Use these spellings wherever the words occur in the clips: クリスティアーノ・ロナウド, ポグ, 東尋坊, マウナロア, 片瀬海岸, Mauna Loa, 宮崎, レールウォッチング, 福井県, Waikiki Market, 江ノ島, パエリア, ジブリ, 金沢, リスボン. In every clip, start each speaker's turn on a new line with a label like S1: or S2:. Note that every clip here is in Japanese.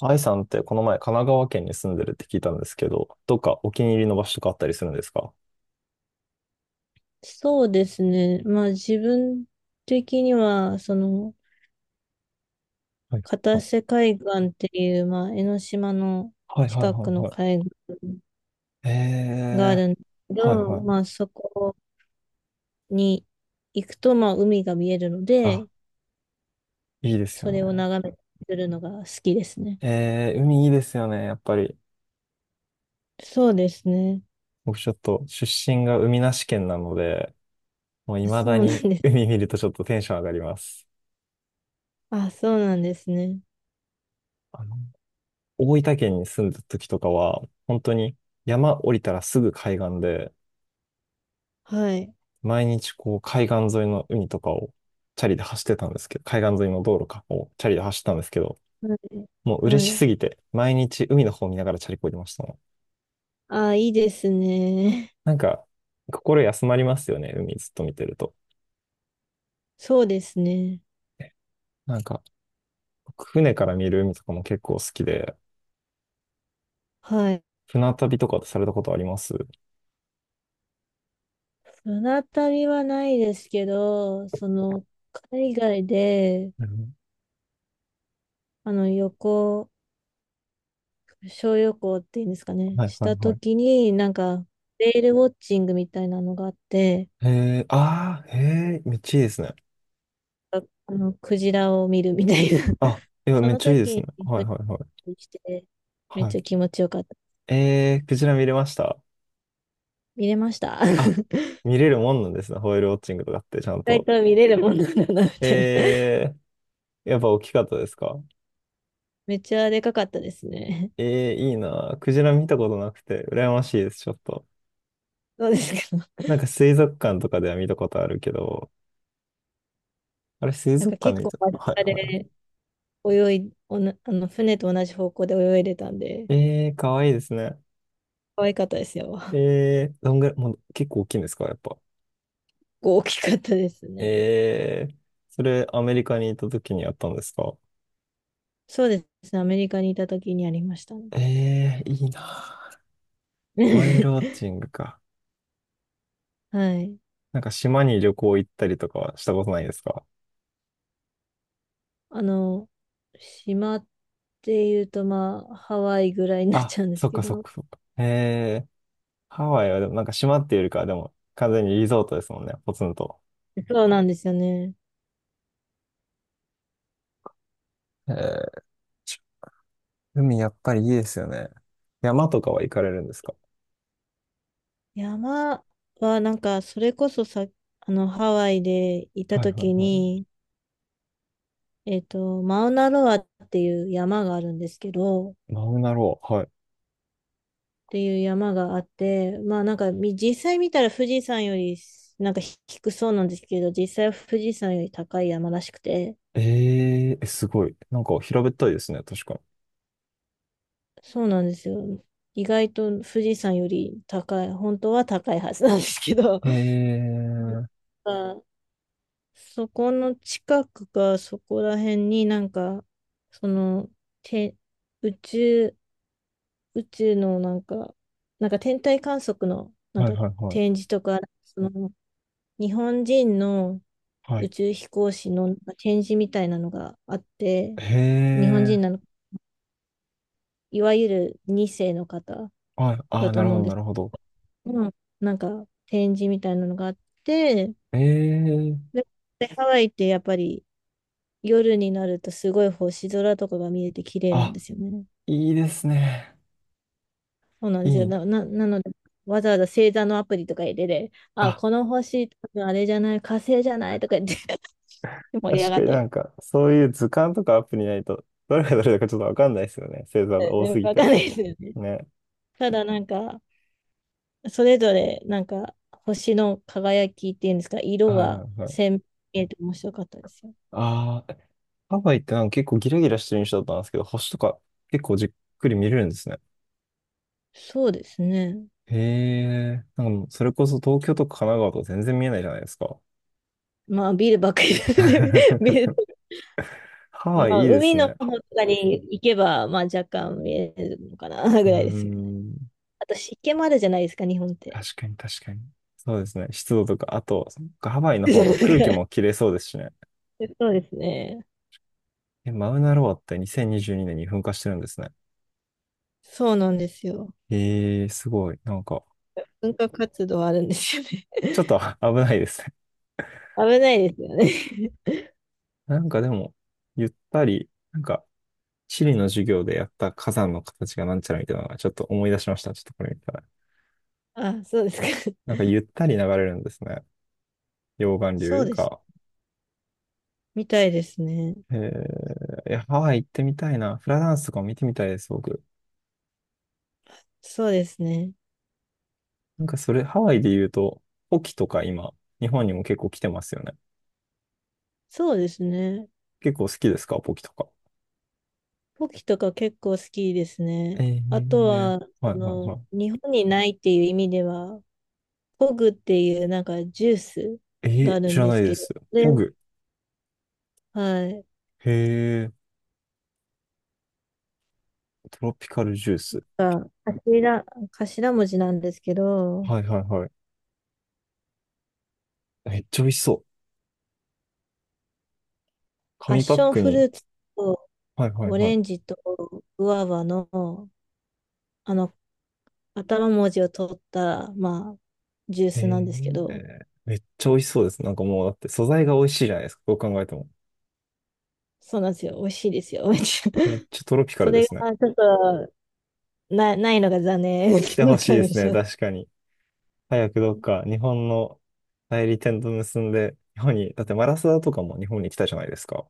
S1: 愛さんってこの前神奈川県に住んでるって聞いたんですけど、どっかお気に入りの場所とかあったりするんですか？
S2: そうですね。まあ自分的には、
S1: はい
S2: 片瀬海岸っていう、まあ江ノ島の
S1: はいはい
S2: 近
S1: は
S2: く
S1: い。
S2: の
S1: はい
S2: 海岸
S1: い。
S2: があるんですけ
S1: はい
S2: ど、
S1: は
S2: ま
S1: い。
S2: あそこに行くと、まあ海が見えるので、
S1: あ、いいです
S2: そ
S1: よ
S2: れを
S1: ね。
S2: 眺めてるのが好きですね。
S1: 海いいですよね、やっぱり。
S2: そうですね。
S1: 僕ちょっと出身が海なし県なので、もう未
S2: そ
S1: だ
S2: うなん
S1: に
S2: です。
S1: 海見るとちょっとテンション上がります。
S2: あ、そうなんですね。
S1: あの、大分県に住んだ時とかは、本当に山降りたらすぐ海岸で、
S2: はい。
S1: 毎日こう海岸沿いの海とかをチャリで走ってたんですけど、海岸沿いの道路かをチャリで走ってたんですけど、
S2: はい。
S1: もう嬉
S2: は
S1: し
S2: い。
S1: すぎて、毎日海の方見ながらチャリこいでましたね。
S2: あ、いいですね。
S1: なんか、心休まりますよね、海ずっと見てると。
S2: そうですね。
S1: なんか、僕船から見る海とかも結構好きで、
S2: はい。
S1: 船旅とかされたことあります？
S2: 船旅はないですけど、海外で、
S1: うん、
S2: 旅行、小旅行っていうんですかね、
S1: はい
S2: し
S1: はい
S2: た
S1: は
S2: と
S1: い。
S2: きに、なんか、レールウォッチングみたいなのがあって、
S1: へえ、ああ、へえ、めっちゃいいですね。
S2: あクジラを見るみたいな。
S1: あ、いや、
S2: そ
S1: めっ
S2: の
S1: ちゃいいで
S2: 時
S1: すね。
S2: に
S1: はい
S2: 船
S1: はいはい。
S2: にして、めっ
S1: はい。
S2: ちゃ気持ちよかった。
S1: クジラ見れました？
S2: 見れました。
S1: あ、
S2: 意
S1: 見れるもんなんですね。ホエールウォッチングとかってちゃん
S2: 外
S1: と。
S2: と見れるもんなんだな、みたいな。
S1: えやっぱ大きかったですか？
S2: めっちゃでかかったですね。
S1: いいな。クジラ見たことなくて、羨ましいです、ちょっと。
S2: そうですけど。
S1: なんか水族館とかでは見たことあるけど、あれ水
S2: なん
S1: 族
S2: か
S1: 館
S2: 結
S1: で見
S2: 構
S1: た
S2: 間
S1: はい
S2: 近で
S1: は
S2: 泳い、おな、あの船と同じ方向で泳いでたんで、
S1: い。かわいいですね。
S2: 可愛かったですよ。
S1: どんぐらい、もう結構大きいんですかやっぱ。
S2: 大きかったですね。
S1: えー、それアメリカに行った時にやったんですか？
S2: そうですね。アメリカにいた時にありましたね。
S1: いいな。ホエールウォ ッチングか。
S2: はい。
S1: なんか島に旅行行ったりとかはしたことないですか？
S2: あの、島っていうと、まあ、ハワイぐらいになっ
S1: あ、
S2: ちゃうんで
S1: そ
S2: す
S1: っ
S2: け
S1: かそっ
S2: ど、
S1: かそっか。へえ、ハワイはでもなんか島っていうよりかはでも完全にリゾートですもんね、ポツンと。
S2: そうなんですよね。
S1: へえ、海やっぱりいいですよね。山とかは行かれるんですか？
S2: 山は、なんか、それこそさ、ハワイでいた
S1: はいはい
S2: 時
S1: は
S2: に、マウナロアっていう山があるんですけど、
S1: い。マウナロア、はい。
S2: ていう山があって、まあなんかみ実際見たら富士山よりなんか低そうなんですけど、実際は富士山より高い山らしくて、
S1: えーえ、すごい。なんか平べったいですね、確か
S2: そうなんですよ。意外と富士山より高い、本当は高いはずなんですけど、
S1: に。え ー、
S2: あそこの近くかそこら辺になんか、その、て、宇宙、宇宙のなんか、なんか天体観測のなん
S1: はい
S2: か
S1: はいはい。
S2: 展示とか、その日本人の
S1: は
S2: 宇
S1: い。
S2: 宙飛行士の展示みたいなのがあって、
S1: へ
S2: 日本人
S1: ー、
S2: なの、いわゆる2世の方
S1: はい。あ
S2: だ
S1: あ、
S2: と
S1: なる
S2: 思
S1: ほ
S2: うん
S1: ど
S2: で
S1: な
S2: す
S1: るほど。
S2: けど、なんか展示みたいなのがあって、
S1: えー、
S2: で、でハワイってやっぱり夜になるとすごい星空とかが見えて綺麗なん
S1: あ、
S2: ですよね。
S1: いいですね。
S2: そうなん
S1: い
S2: ですよ。
S1: いな。
S2: なので、わざわざ星座のアプリとか入れて、あ、
S1: あ、
S2: この星、多分あれじゃない、火星じゃないとか言って 盛り上
S1: 確
S2: が
S1: か
S2: っ
S1: に
S2: た
S1: な
S2: り、
S1: んか、そういう図鑑とかアプリないと、どれがどれだかちょっとわかんないですよね。星座が多すぎ
S2: わかん
S1: て。
S2: ないですよね。
S1: ね。
S2: ただなんか、それぞれ、なんか、星の輝きっていうんですか、
S1: は
S2: 色
S1: いは
S2: が
S1: いはい。
S2: 鮮明で面白かったですよ。
S1: ああ、ハワイってなんか結構ギラギラしてる印象だったんですけど、星とか結構じっくり見れるんですね。
S2: そうですね。
S1: へえ、なんかもうそれこそ東京とか神奈川とか全然見えないじゃないですか。
S2: まあ、ビルばっかりですね ビル、
S1: ハワ
S2: ま
S1: イ
S2: あ、
S1: いいです
S2: 海の
S1: ね。
S2: 方とかに行けば、まあ、若干見えるのかな、ぐ
S1: うー
S2: らいですね。
S1: ん、
S2: あと、湿気もあるじゃないですか、日本って。
S1: 確かに確かに。そうですね。湿度とか、あと、そっかハワイの方が空気も 綺麗そうですしね。
S2: そうですね。
S1: え、マウナロアって2022年にじゅうにねんに噴火してるんですね。
S2: そうなんですよ。
S1: ええ、すごい。なんか、
S2: 文化活動あるんですよね。
S1: ちょっと 危ないですね。
S2: 危ないですよね。
S1: なんかでも、ゆったり、なんか、地理の授業でやった火山の形がなんちゃらみたいなのがちょっと思い出しました。ちょっとこれ見たら。
S2: あ、そうですか。
S1: なん かゆったり流れるんですね。溶岩
S2: そ
S1: 流
S2: うです。
S1: が。
S2: みたいですね。
S1: ええ、いや、ハワイ行ってみたいな。フラダンスとかも見てみたいです、僕。
S2: そうですね。
S1: なんかそれ、ハワイで言うと、ポキとか今、日本にも結構来てますよね。
S2: そうですね。
S1: 結構好きですか、ポキとか。
S2: ポキとか結構好きですね。
S1: え
S2: あと
S1: え、
S2: は、
S1: はいはいはい。
S2: 日本にないっていう意味では、ポグっていうなんかジュース
S1: え
S2: が
S1: え、
S2: ある
S1: 知
S2: ん
S1: ら
S2: で
S1: な
S2: す
S1: いで
S2: けど、
S1: す。
S2: で、
S1: ホグ。
S2: はい。
S1: へえ、トロピカルジュース。
S2: が頭、頭文字なんですけど、
S1: はいはいはい。めっちゃ美味しそう。
S2: パッ
S1: 紙パ
S2: シ
S1: ッ
S2: ョン
S1: ク
S2: フル
S1: に。
S2: ーツと
S1: はいはい
S2: オ
S1: は
S2: レ
S1: い。
S2: ンジとグアバの、あの、頭文字を取った、まあ、ジュー
S1: え
S2: スなんですけど、
S1: ー、めっちゃ美味しそうです。なんかもうだって素材が美味しいじゃないですか。どう考えても。
S2: そうなんですよ。美味しいですよ。
S1: めっ ちゃトロピカ
S2: そ
S1: ルで
S2: れ
S1: すね。
S2: がちょっとないのが残念
S1: 来 てほ
S2: な
S1: しいで
S2: 感じ。
S1: すね。確かに。早くどっか日本の代理店と結んで、日本に、だってマラサダとかも日本に来たじゃないですか。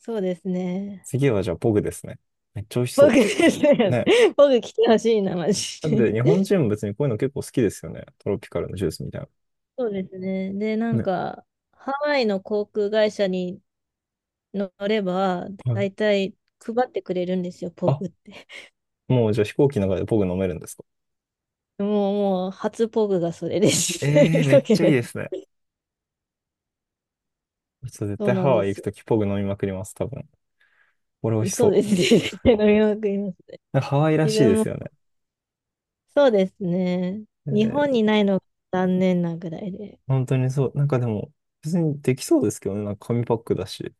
S2: そうですね。
S1: 次はじゃあポグですね。めっちゃ美味し
S2: 僕
S1: そ
S2: です
S1: う。
S2: ね。
S1: ね。
S2: 僕来てほしいな、マ
S1: だっ
S2: ジ。
S1: て日本人も別にこういうの結構好きですよね。トロピカルのジュースみたい
S2: そうですね。で、な
S1: な。
S2: ん
S1: ね。
S2: か、ハワイの航空会社に乗れば、
S1: は
S2: だ
S1: い。
S2: いたい配ってくれるんですよ、ポ
S1: あ、
S2: グって。
S1: もうじゃあ飛行機の中でポグ飲めるんですか？
S2: ももう、初ポグがそれです。
S1: ええー、
S2: 飛
S1: め
S2: 行
S1: っ
S2: 機
S1: ちゃいい
S2: の。
S1: ですね。ちょっと絶
S2: そう
S1: 対
S2: な
S1: ハ
S2: んで
S1: ワイ行く
S2: すよ。
S1: ときポグ飲みまくります、多分。これ美味し
S2: そうで
S1: そ
S2: す
S1: う。
S2: ね。絶対飲みまくりますね。
S1: なんかハワイら
S2: 自
S1: しいで
S2: 分
S1: す
S2: も、
S1: よね。
S2: そうですね。
S1: え
S2: 日本
S1: ー、
S2: にないのが残念なぐらいで。
S1: 本当にそう。なんかでも、別にできそうですけどね。なんか紙パックだし。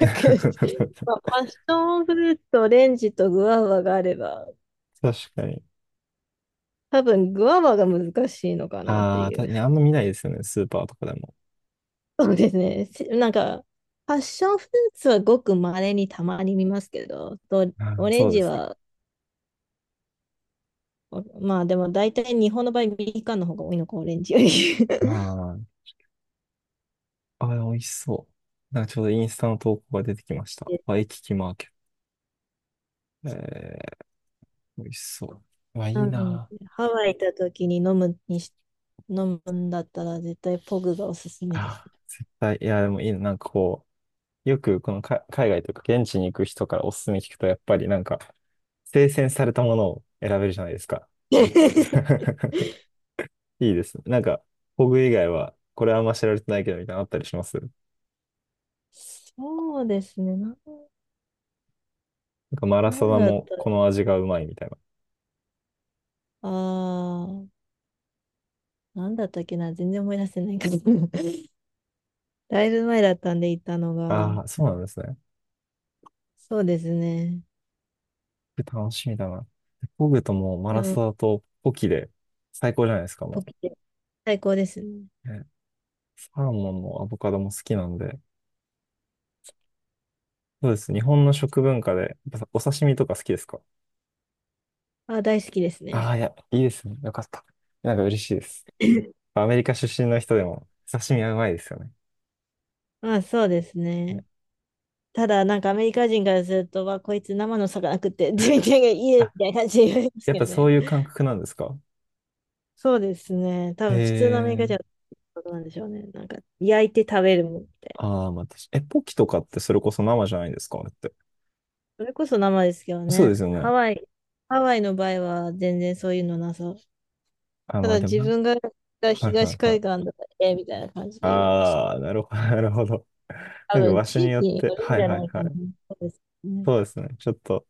S1: 確
S2: まあ、パッションフルーツとオレンジとグアバがあれば、
S1: かに。
S2: 多分、グアバが難しいのかなって
S1: ああ、
S2: い
S1: 確
S2: う。
S1: かにあんま見ないですよね。スーパーとかでも。
S2: そうですね。なんか、パッションフルーツはごく稀にたまに見ますけど、と
S1: あ
S2: オ
S1: ー、
S2: レン
S1: そうで
S2: ジ
S1: すね。
S2: は、まあでも大体日本の場合、みかんの方が多いのか、オレンジより。
S1: あ ー、あー、美味しそう。なんかちょうどインスタの投稿が出てきました。
S2: で、
S1: ワイキキマーケット。美味しそう。うわ、い
S2: う
S1: い
S2: ん、
S1: な
S2: ハワイ行った時に飲むんだったら絶対ポグがおすすめです。
S1: あ。あー、いや、でもいいな。なんかこう、よくこのか海外というか現地に行く人からおすすめ聞くと、やっぱりなんか、精選されたものを選べるじゃないですか。いいですね。なんか、ホグ以外は、これはあんま知られてないけどみたいなのあったりします。な
S2: そうですね。
S1: んかマラ
S2: な
S1: サ
S2: ん
S1: ダ
S2: だった、
S1: もこの味がうまいみたいな。
S2: ああ、なんだったっけな、全然思い出せないけど。だいぶ前だったんで行ったのが。
S1: ああ、そうなんですね。
S2: そうですね。
S1: 楽しみだな。ホグともうマ
S2: で
S1: ラ
S2: も、
S1: サダとポキで最高じゃないですか、
S2: ポ
S1: も
S2: キテ、最高ですね。
S1: う。ね、サーモンもアボカドも好きなんで。そうです。日本の食文化で、やっぱお刺身とか好きですか？
S2: あ、大好きです
S1: あ
S2: ね。
S1: あー、いや、いいですね。よかった。なんか嬉しいです。アメリカ出身の人でも刺身はうまいですよね。
S2: まあ、そうです
S1: ね。
S2: ね。ただ、なんかアメリカ人からすると、わ、こいつ生の魚食って、自分がいいね
S1: あ、
S2: みたいな感じで言われます
S1: やっ
S2: け
S1: ぱ
S2: ど
S1: そう
S2: ね。
S1: いう感覚なんですか？
S2: そうですね。多
S1: へ
S2: 分、普通のアメリカ人は
S1: え。
S2: そうなんでしょうね。なんか、焼いて食べるもんみたい
S1: ああ、まあ、確かえ、ポキとかってそれこそ生じゃないんですかあれって。
S2: な。それこそ生ですけど
S1: そうで
S2: ね。
S1: すよね。
S2: ハワイの場合は全然そういうのなさ。
S1: あ、
S2: た
S1: まあ
S2: だ、
S1: でも
S2: 自
S1: な、
S2: 分が
S1: は
S2: 東
S1: いはいは
S2: 海
S1: い。
S2: 岸だったらええみたいな感じで言われました。
S1: ああ、なるほど、なるほど。
S2: 多
S1: なんか
S2: 分、
S1: 場所
S2: 地
S1: に
S2: 域
S1: よっ
S2: に
S1: て、
S2: よる
S1: は
S2: ん
S1: い
S2: じゃ
S1: はい
S2: ない
S1: は
S2: かな。
S1: い。
S2: そうですね。
S1: そうですね。ちょっと、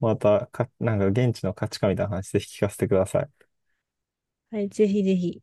S1: またか、なんか現地の価値観みたいな話ぜひ聞かせてください。
S2: はい、ぜひぜひ。